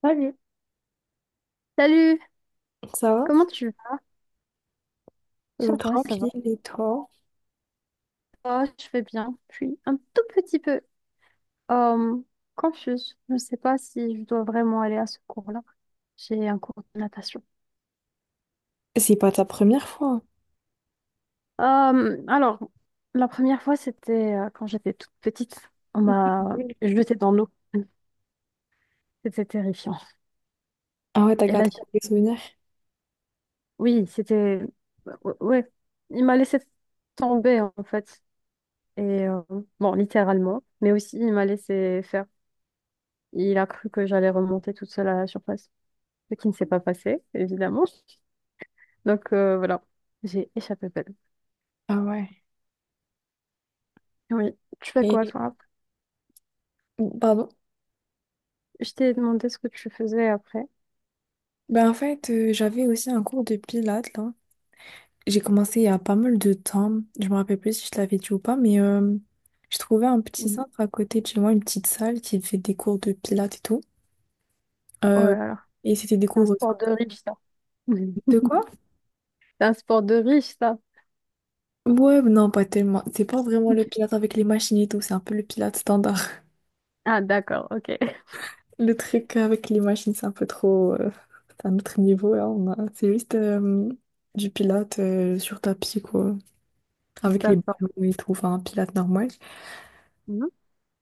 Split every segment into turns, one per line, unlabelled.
Salut,
Salut,
ça va?
comment tu vas? Ça va, ça va.
Tranquille et toi?
Ah, je vais bien. Je suis un tout petit peu euh, confuse. Je ne sais pas si je dois vraiment aller à ce cours-là. J'ai un cours de natation.
C'est pas ta première fois.
Alors, la première fois, c'était quand j'étais toute petite. On m'a
Oui.
jetée dans l'eau. C'était terrifiant.
Ah ouais, t'as
Et là,
gardé des souvenirs.
oui, c'était... Ouais, ouais. Il m'a laissé tomber, en fait. Et euh, bon, littéralement, mais aussi, il m'a laissé faire. Il a cru que j'allais remonter toute seule à la surface, ce qui ne s'est pas passé, évidemment. Donc voilà, j'ai échappé belle.
Ah ouais.
Oui. Tu fais quoi,
Et
toi? Après,
pardon.
je t'ai demandé ce que tu faisais après.
Ben en fait, j'avais aussi un cours de pilates là. J'ai commencé il y a pas mal de temps. Je me rappelle plus si je l'avais dit ou pas, mais je trouvais un petit
Mhm.
centre à côté de chez moi, une petite salle qui fait des cours de pilates et tout.
Oh
Euh,
là là,
et c'était des
c'est un
cours
sport de riche, ça. Mhm.
de quoi?
C'est un sport de riche, ça.
Ouais, non, pas tellement. C'est pas vraiment le pilate avec les machines et tout, c'est un peu le pilate standard.
Ah d'accord, ok.
Le truc avec les machines, c'est un peu trop. C'est un autre niveau, là. C'est juste du pilates sur tapis, quoi. Avec les
D'accord.
ballons et tout, enfin, un pilate normal.
Mhm.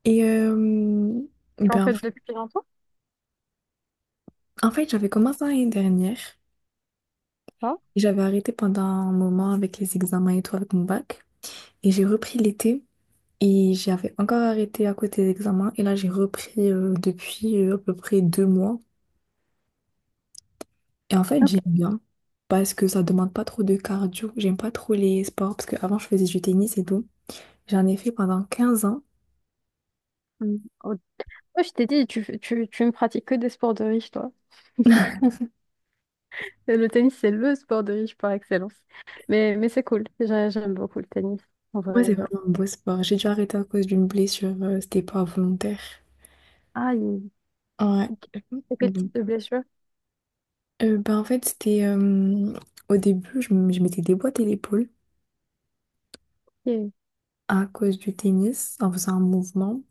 Et
Tu en
ben, en
fais
fait,
depuis longtemps?
en fait, j'avais commencé l'année dernière.
Pas...
Et j'avais arrêté pendant un moment avec les examens et tout, avec mon bac. Et j'ai repris l'été. Et j'avais encore arrêté à côté des examens. Et là, j'ai repris depuis à peu près 2 mois. Et en fait,
Ok.
j'aime bien parce que ça demande pas trop de cardio. J'aime pas trop les sports parce qu'avant, je faisais du tennis et tout. J'en ai fait pendant 15 ans.
Mhm. Oh, moi, je t'ai dit, tu ne pratiques que des sports de riche, toi. Et le tennis, c'est le sport de riche par excellence. Mais c'est cool. Déjà, j'aime beaucoup le tennis. En
Ouais,
vrai,
c'est
de vrai.
vraiment un beau sport. J'ai dû arrêter à cause d'une blessure. C'était pas volontaire.
Ah,
Ouais.
il- quel type
Mhm.
de blessure?
Ben, en fait, c'était au début, je m'étais déboîté l'épaule
Ok.
à cause du tennis en faisant un mouvement.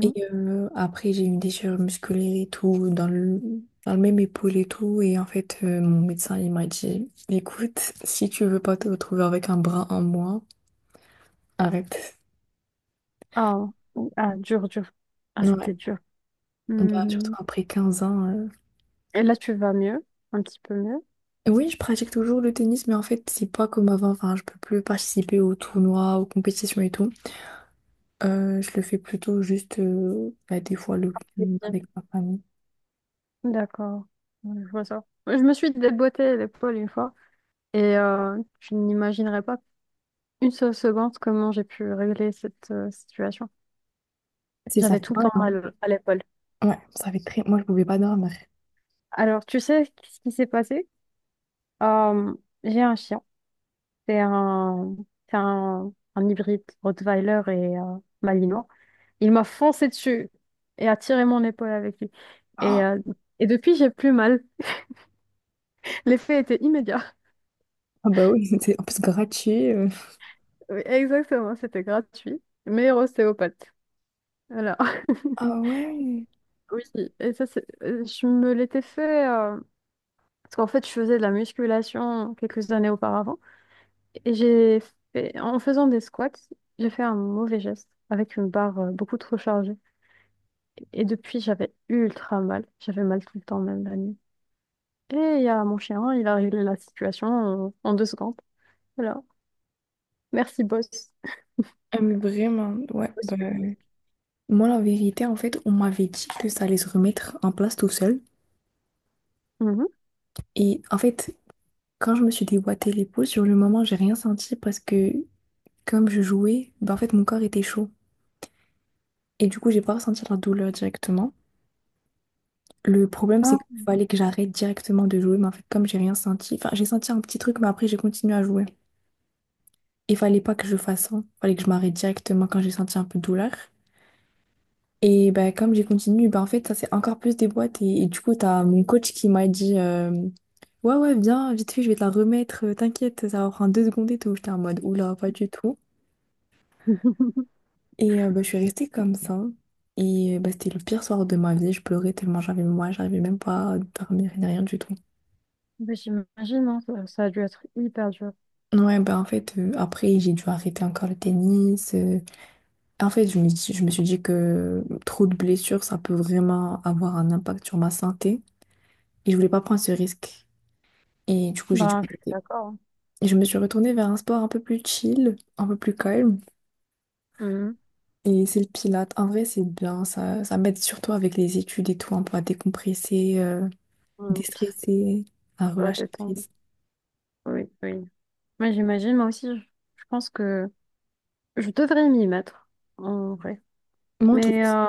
Et après, j'ai eu une déchirure musculaire et tout, dans le même épaule et tout. Et en fait, mon médecin, il m'a dit, écoute, si tu veux pas te retrouver avec un bras en moins, arrête.
Ah, oui. Ah, dur, dur. Ah,
Ouais,
c'était dur.
bah, surtout
Mhm.
après 15 ans.
Et là, tu vas mieux, un petit peu mieux.
Oui, je pratique toujours le tennis, mais en fait, c'est pas comme avant. Enfin, je peux plus participer aux tournois, aux compétitions et tout. Je le fais plutôt juste bah, des fois le
C'est
week-end
bien.
avec ma famille.
D'accord. Ouais, je vois ça. Ouais, je me suis déboîtée l'épaule une fois et tu n'imaginerais pas une seule seconde comment j'ai pu régler cette situation.
C'est ça
J'avais
fait
tout le
mal,
temps
hein.
mal à l'épaule.
Ouais, ça fait très. Moi, je pouvais pas dormir.
Alors, tu sais ce qui s'est passé? Euh, j'ai un chien. C'est un, c'est un hybride Rottweiler et Malinois. Il m'a foncé dessus et a tiré mon épaule avec lui. Et, euh, et depuis, j'ai plus mal. L'effet était immédiat.
Ah bah oui, c'était en plus gratuit.
Oui, exactement, c'était gratuit. Meilleur ostéopathe. Voilà.
Ah ouais.
Oui, et ça, c'est... je me l'étais fait... parce qu'en fait, je faisais de la musculation quelques années auparavant. Et j'ai fait... En faisant des squats, j'ai fait un mauvais geste avec une barre beaucoup trop chargée. Et depuis, j'avais ultra mal. J'avais mal tout le temps, même la nuit. Et il y a mon chien, il a réglé la situation en 2 secondes. Alors, merci, boss.
Ah, mais vraiment, ouais,
Parce
bah.
que...
Moi, la vérité, en fait, on m'avait dit que ça allait se remettre en place tout seul.
Mhm.
Et en fait, quand je me suis déboîté l'épaule, sur le moment, j'ai rien senti parce que comme je jouais, bah en fait, mon corps était chaud. Et du coup, j'ai pas ressenti la douleur directement. Le problème, c'est
Ah.
qu'il fallait que j'arrête directement de jouer, mais en fait, comme j'ai rien senti, enfin, j'ai senti un petit truc, mais après, j'ai continué à jouer. Il fallait pas que je fasse ça. Il fallait que je m'arrête directement quand j'ai senti un peu de douleur. Et bah, comme j'ai continué, bah, en fait, ça s'est encore plus des boîtes. Et du coup, t'as mon coach qui m'a dit ouais, ouais, viens, vite fait, je vais te la remettre, t'inquiète, ça va prendre 2 secondes et tout. J'étais en mode Oula, pas du tout. Et bah, je suis restée comme ça. Et bah, c'était le pire soir de ma vie. Je pleurais tellement j'avais moi, j'arrivais même pas à dormir ni rien du tout.
Bah, j'imagine, hein, ça a dû être hyper dur.
Ouais, bah en fait, après, j'ai dû arrêter encore le tennis. En fait, je me suis dit que trop de blessures, ça peut vraiment avoir un impact sur ma santé. Et je voulais pas prendre ce risque. Et du coup, j'ai dû
Ben, je suis
arrêter.
d'accord, hein.
Et je me suis retournée vers un sport un peu plus chill, un peu plus calme.
Mhm.
Et c'est le pilate. En vrai, c'est bien. Ça m'aide surtout avec les études et tout, un peu à décompresser,
Mhm. Tu
déstresser, à
dois
relâcher
t'attendre.
prise.
Oui, oui. Moi, j'imagine, moi aussi, je pense que je devrais m'y mettre, en vrai.
Moi, en tout
Mais
cas,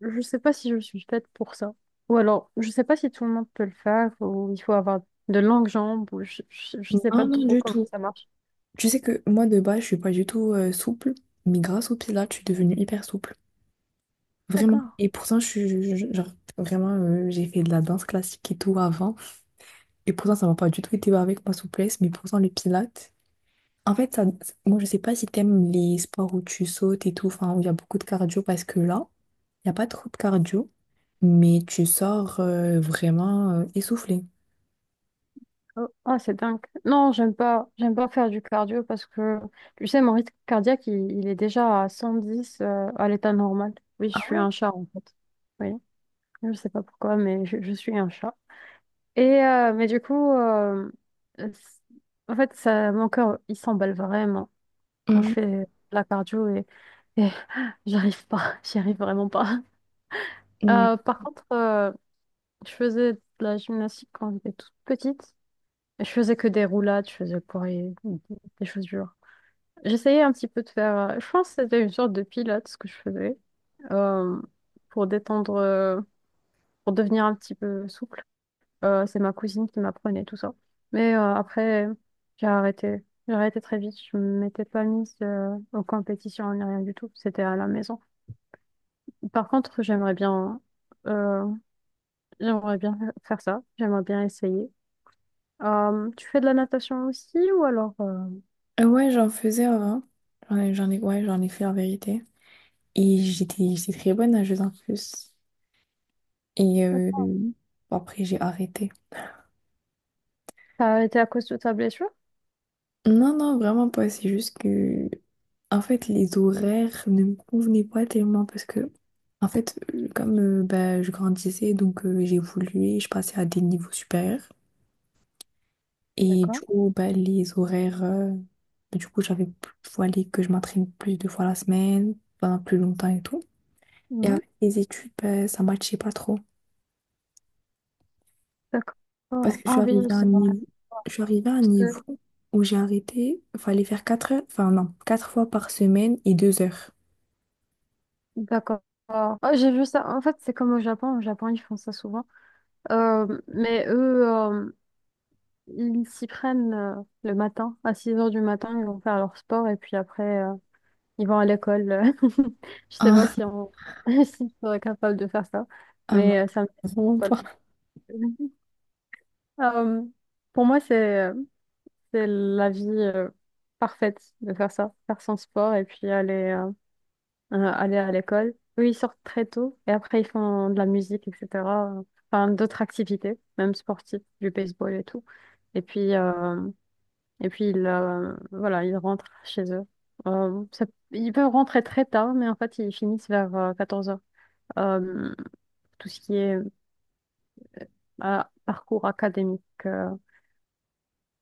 je sais pas si je suis faite pour ça. Ou alors, je sais pas si tout le monde peut le faire, ou il faut avoir de longues jambes, ou je sais pas
non, non,
trop
du
comment
tout.
ça marche.
Tu sais que moi, de base, je suis pas du tout souple. Mais grâce au pilate, je suis devenue hyper souple. Vraiment.
D'accord.
Et pourtant, je suis, je- genre, vraiment, j'ai fait de la danse classique et tout avant. Et pourtant, ça m'a pas du tout été avec ma souplesse. Mais pourtant, le pilate. En fait, ça, moi, je sais pas si t'aimes les sports où tu sautes et tout, enfin, où il y a beaucoup de cardio, parce que là, il n'y a pas trop de cardio, mais tu sors vraiment essoufflé.
Oh, ah, c'est dingue. Non, j'aime pas faire du cardio parce que, tu sais, mon rythme cardiaque, il est déjà à 110, à l'état normal. Oui, je
Ah
suis
ouais?
un chat, en fait. Oui, je sais pas pourquoi, mais je suis un chat. Et, mais du coup, euh, c- en fait, ça, mon cœur, il s'emballe vraiment quand je
Mm,
fais de la cardio et j'arrive pas, j'y arrive vraiment pas.
ouais.
Par contre, je faisais de la gymnastique quand j'étais toute petite. Je faisais que des roulades, je faisais pour les- des choses dures. J'essayais un petit peu de faire. Je pense que c'était une sorte de pilates ce que je faisais euh, pour détendre, pour devenir un petit peu souple. C'est ma cousine qui m'apprenait tout ça. Mais après, j'ai arrêté. J'ai arrêté très vite. Je ne m'étais pas mise en compétition ni rien du tout. C'était à la maison. Par contre, euh, j'aimerais bien faire ça. J'aimerais bien essayer. Tu fais de la natation aussi, ou alors
Ouais, j'en faisais avant. Ouais, j'en ai fait en vérité. Et j'étais très bonne nageuse en plus. Et bon, après, j'ai arrêté.
t'as arrêté à cause de ta blessure?
Non, non, vraiment pas. C'est juste que, en fait, les horaires ne me convenaient pas tellement parce que, en fait, comme bah, je grandissais, donc j'évoluais, je passais à des niveaux supérieurs. Et du
D'accord.
coup, bah, les horaires, du coup, fallait que je m'entraîne plus de fois la semaine, pendant plus longtemps et tout. Et
Mhm.
avec les études, bah, ça matchait pas trop. Parce
D'accord.
que je suis
Ah oui,
arrivée
oui,
à un
c'est vrai.
niveau, je suis arrivée à un
Parce que...
niveau où j'ai arrêté, fallait faire 4 heures, enfin non, 4 fois par semaine et 2 heures.
D'accord. Ah, j'ai vu ça. En fait, c'est comme au Japon. Au Japon, ils font ça souvent. Mais eux, ils s'y prennent le matin. À 6 heures du matin, ils vont faire leur sport et puis après, ils vont à l'école. Je sais pas si on si on est capable de faire ça.
Ah non,
Mais ça me...
vraiment pas.
Euh, pour moi, c'est... euh, c'est la vie parfaite de faire ça, faire son sport et puis aller, aller à l'école. Eux, ils sortent très tôt et après, ils font de la musique, etc. Enfin, d'autres activités, même sportives, du baseball et tout. Et puis, euh, et puis ils, voilà, ils rentrent chez eux. Euh, ça- ils peuvent rentrer très tard, mais en fait, ils finissent vers 14h. Tout ce qui est parcours académique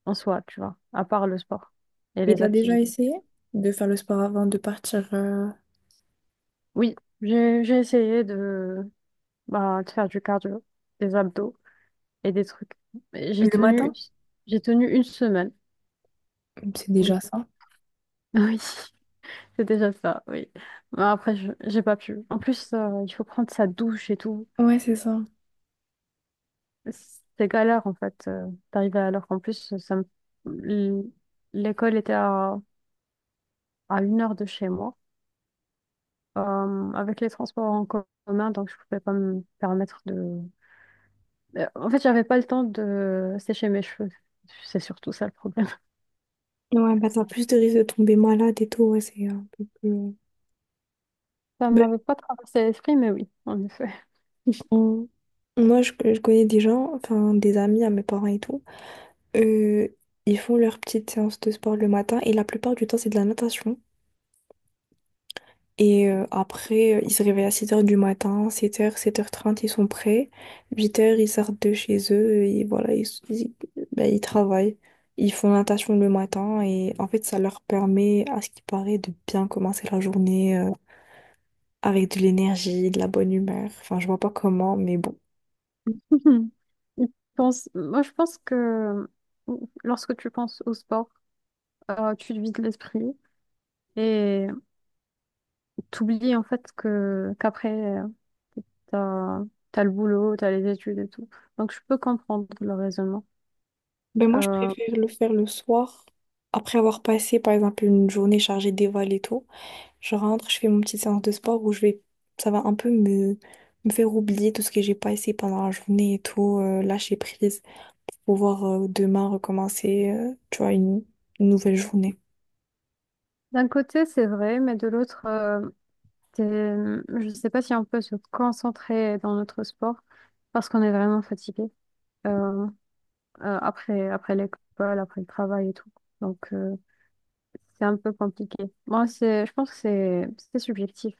en soi, tu vois, à part le sport et
Et
les
t'as déjà
activités.
essayé de faire le sport avant de partir
Oui, j'ai essayé de, bah, de faire du cardio, des abdos et des trucs. Mais
le matin?
j'ai tenu 1 semaine.
C'est
Oui,
déjà ça.
oui, c'est déjà ça, oui. Mais après, j'ai pas pu. En plus, il faut prendre sa douche et tout.
Ouais, c'est ça.
C'est galère, en fait, d'arriver à l'heure. En plus, l- l'école était à 1 heure de chez moi, avec les transports en commun, donc je pouvais pas me permettre de... En fait, j'avais pas le temps de sécher mes cheveux. C'est surtout ça le problème.
Ouais, bah t'as plus de risques de tomber malade et tout, ouais, c'est un peu plus.
Ça
Ben,
m'avait pas traversé l'esprit, mais oui, en effet.
on- moi, je connais des gens, enfin des amis à mes parents et tout, euh, ils font leur petite séance de sport le matin et la plupart du temps, c'est de la natation. Et après, ils se réveillent à 7 heures du matin, 7 heures, 7h30 ils sont prêts. 8 heures ils sortent de chez eux et voilà, ben, ils travaillent. Ils font la natation le matin et en fait, ça leur permet, à ce qui paraît, de bien commencer la journée avec de l'énergie, de la bonne humeur. Enfin, je vois pas comment, mais bon.
Mhm. Je Moi, je pense que lorsque tu penses au sport, tu te vides l'esprit et t'oublies en fait que qu'après, euh, t'as, t'as le boulot, t'as les études et tout. Donc, je peux comprendre le raisonnement.
Ben moi, je
Euh,
préfère le faire le soir, après avoir passé, par exemple, une journée chargée d'éval et tout. Je rentre, je fais mon petite séance de sport où je vais, ça va un peu me faire oublier tout ce que j'ai pas essayé pendant la journée et tout, lâcher prise, pouvoir demain recommencer, tu vois, une nouvelle journée.
D'un côté, c'est vrai, mais de l'autre, je ne sais pas si on peut se concentrer dans notre sport parce qu'on est vraiment fatigué euh, après, l'école, après le travail et tout. Donc, c'est un peu compliqué. Moi, je pense que c'est subjectif.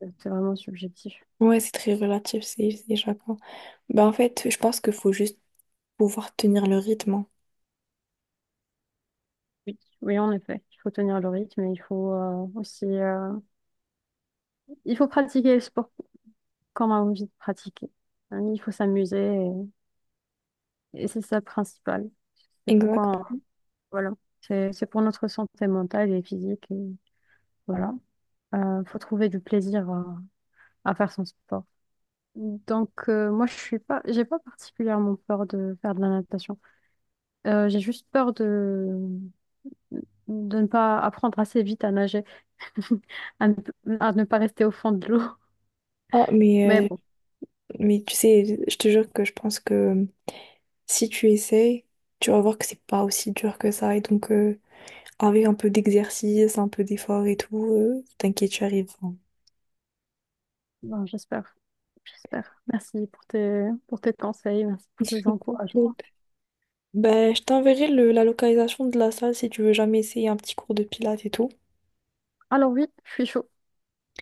C'est vraiment subjectif.
Ouais, c'est très relatif, c'est chacun. Bah, en fait, je pense qu'il faut juste pouvoir tenir le rythme.
Oui, oui, en effet. Il faut tenir le rythme et il faut aussi il faut pratiquer le sport comme on a envie de pratiquer. Il faut s'amuser et c'est ça le principal. C'est
Exact.
pourquoi... Voilà, c'est pour notre santé mentale et physique. Et voilà, faut trouver du plaisir à faire son sport. Donc moi je suis pas, j'ai pas particulièrement peur de faire de la natation. J'ai juste peur de ne pas apprendre assez vite à nager, à ne, à ne pas rester au fond de l'eau.
Ah, mais,
Mais
euh,
bon,
mais tu sais, je te jure que je pense que si tu essayes, tu vas voir que c'est pas aussi dur que ça. Et donc, avec un peu d'exercice, un peu d'effort et tout, t'inquiète, tu arrives, hein.
j'espère, j'espère. Merci pour tes conseils, merci pour tes
Tranquille.
encouragements.
Ben, je t'enverrai la localisation de la salle si tu veux jamais essayer un petit cours de pilates et tout.
Alors oui, je suis chaud.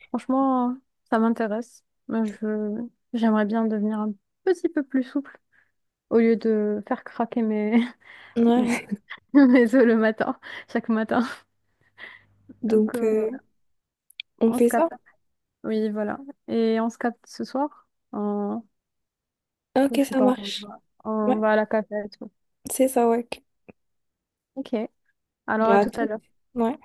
Franchement, ça m'intéresse. J'aimerais bien devenir un petit peu plus souple au lieu de faire craquer mes,
Ouais,
mes os le matin, chaque matin. Donc,
donc
voilà.
on
On se
fait ça?
capte. Oui, voilà. Et on se capte ce soir. En, je
Ok,
sais
ça
pas,
marche.
on
Ouais,
va à la cafette.
c'est ça, ouais.
Ok. Alors,
Bah,
à
à
tout à
tout.
l'heure.
Ouais.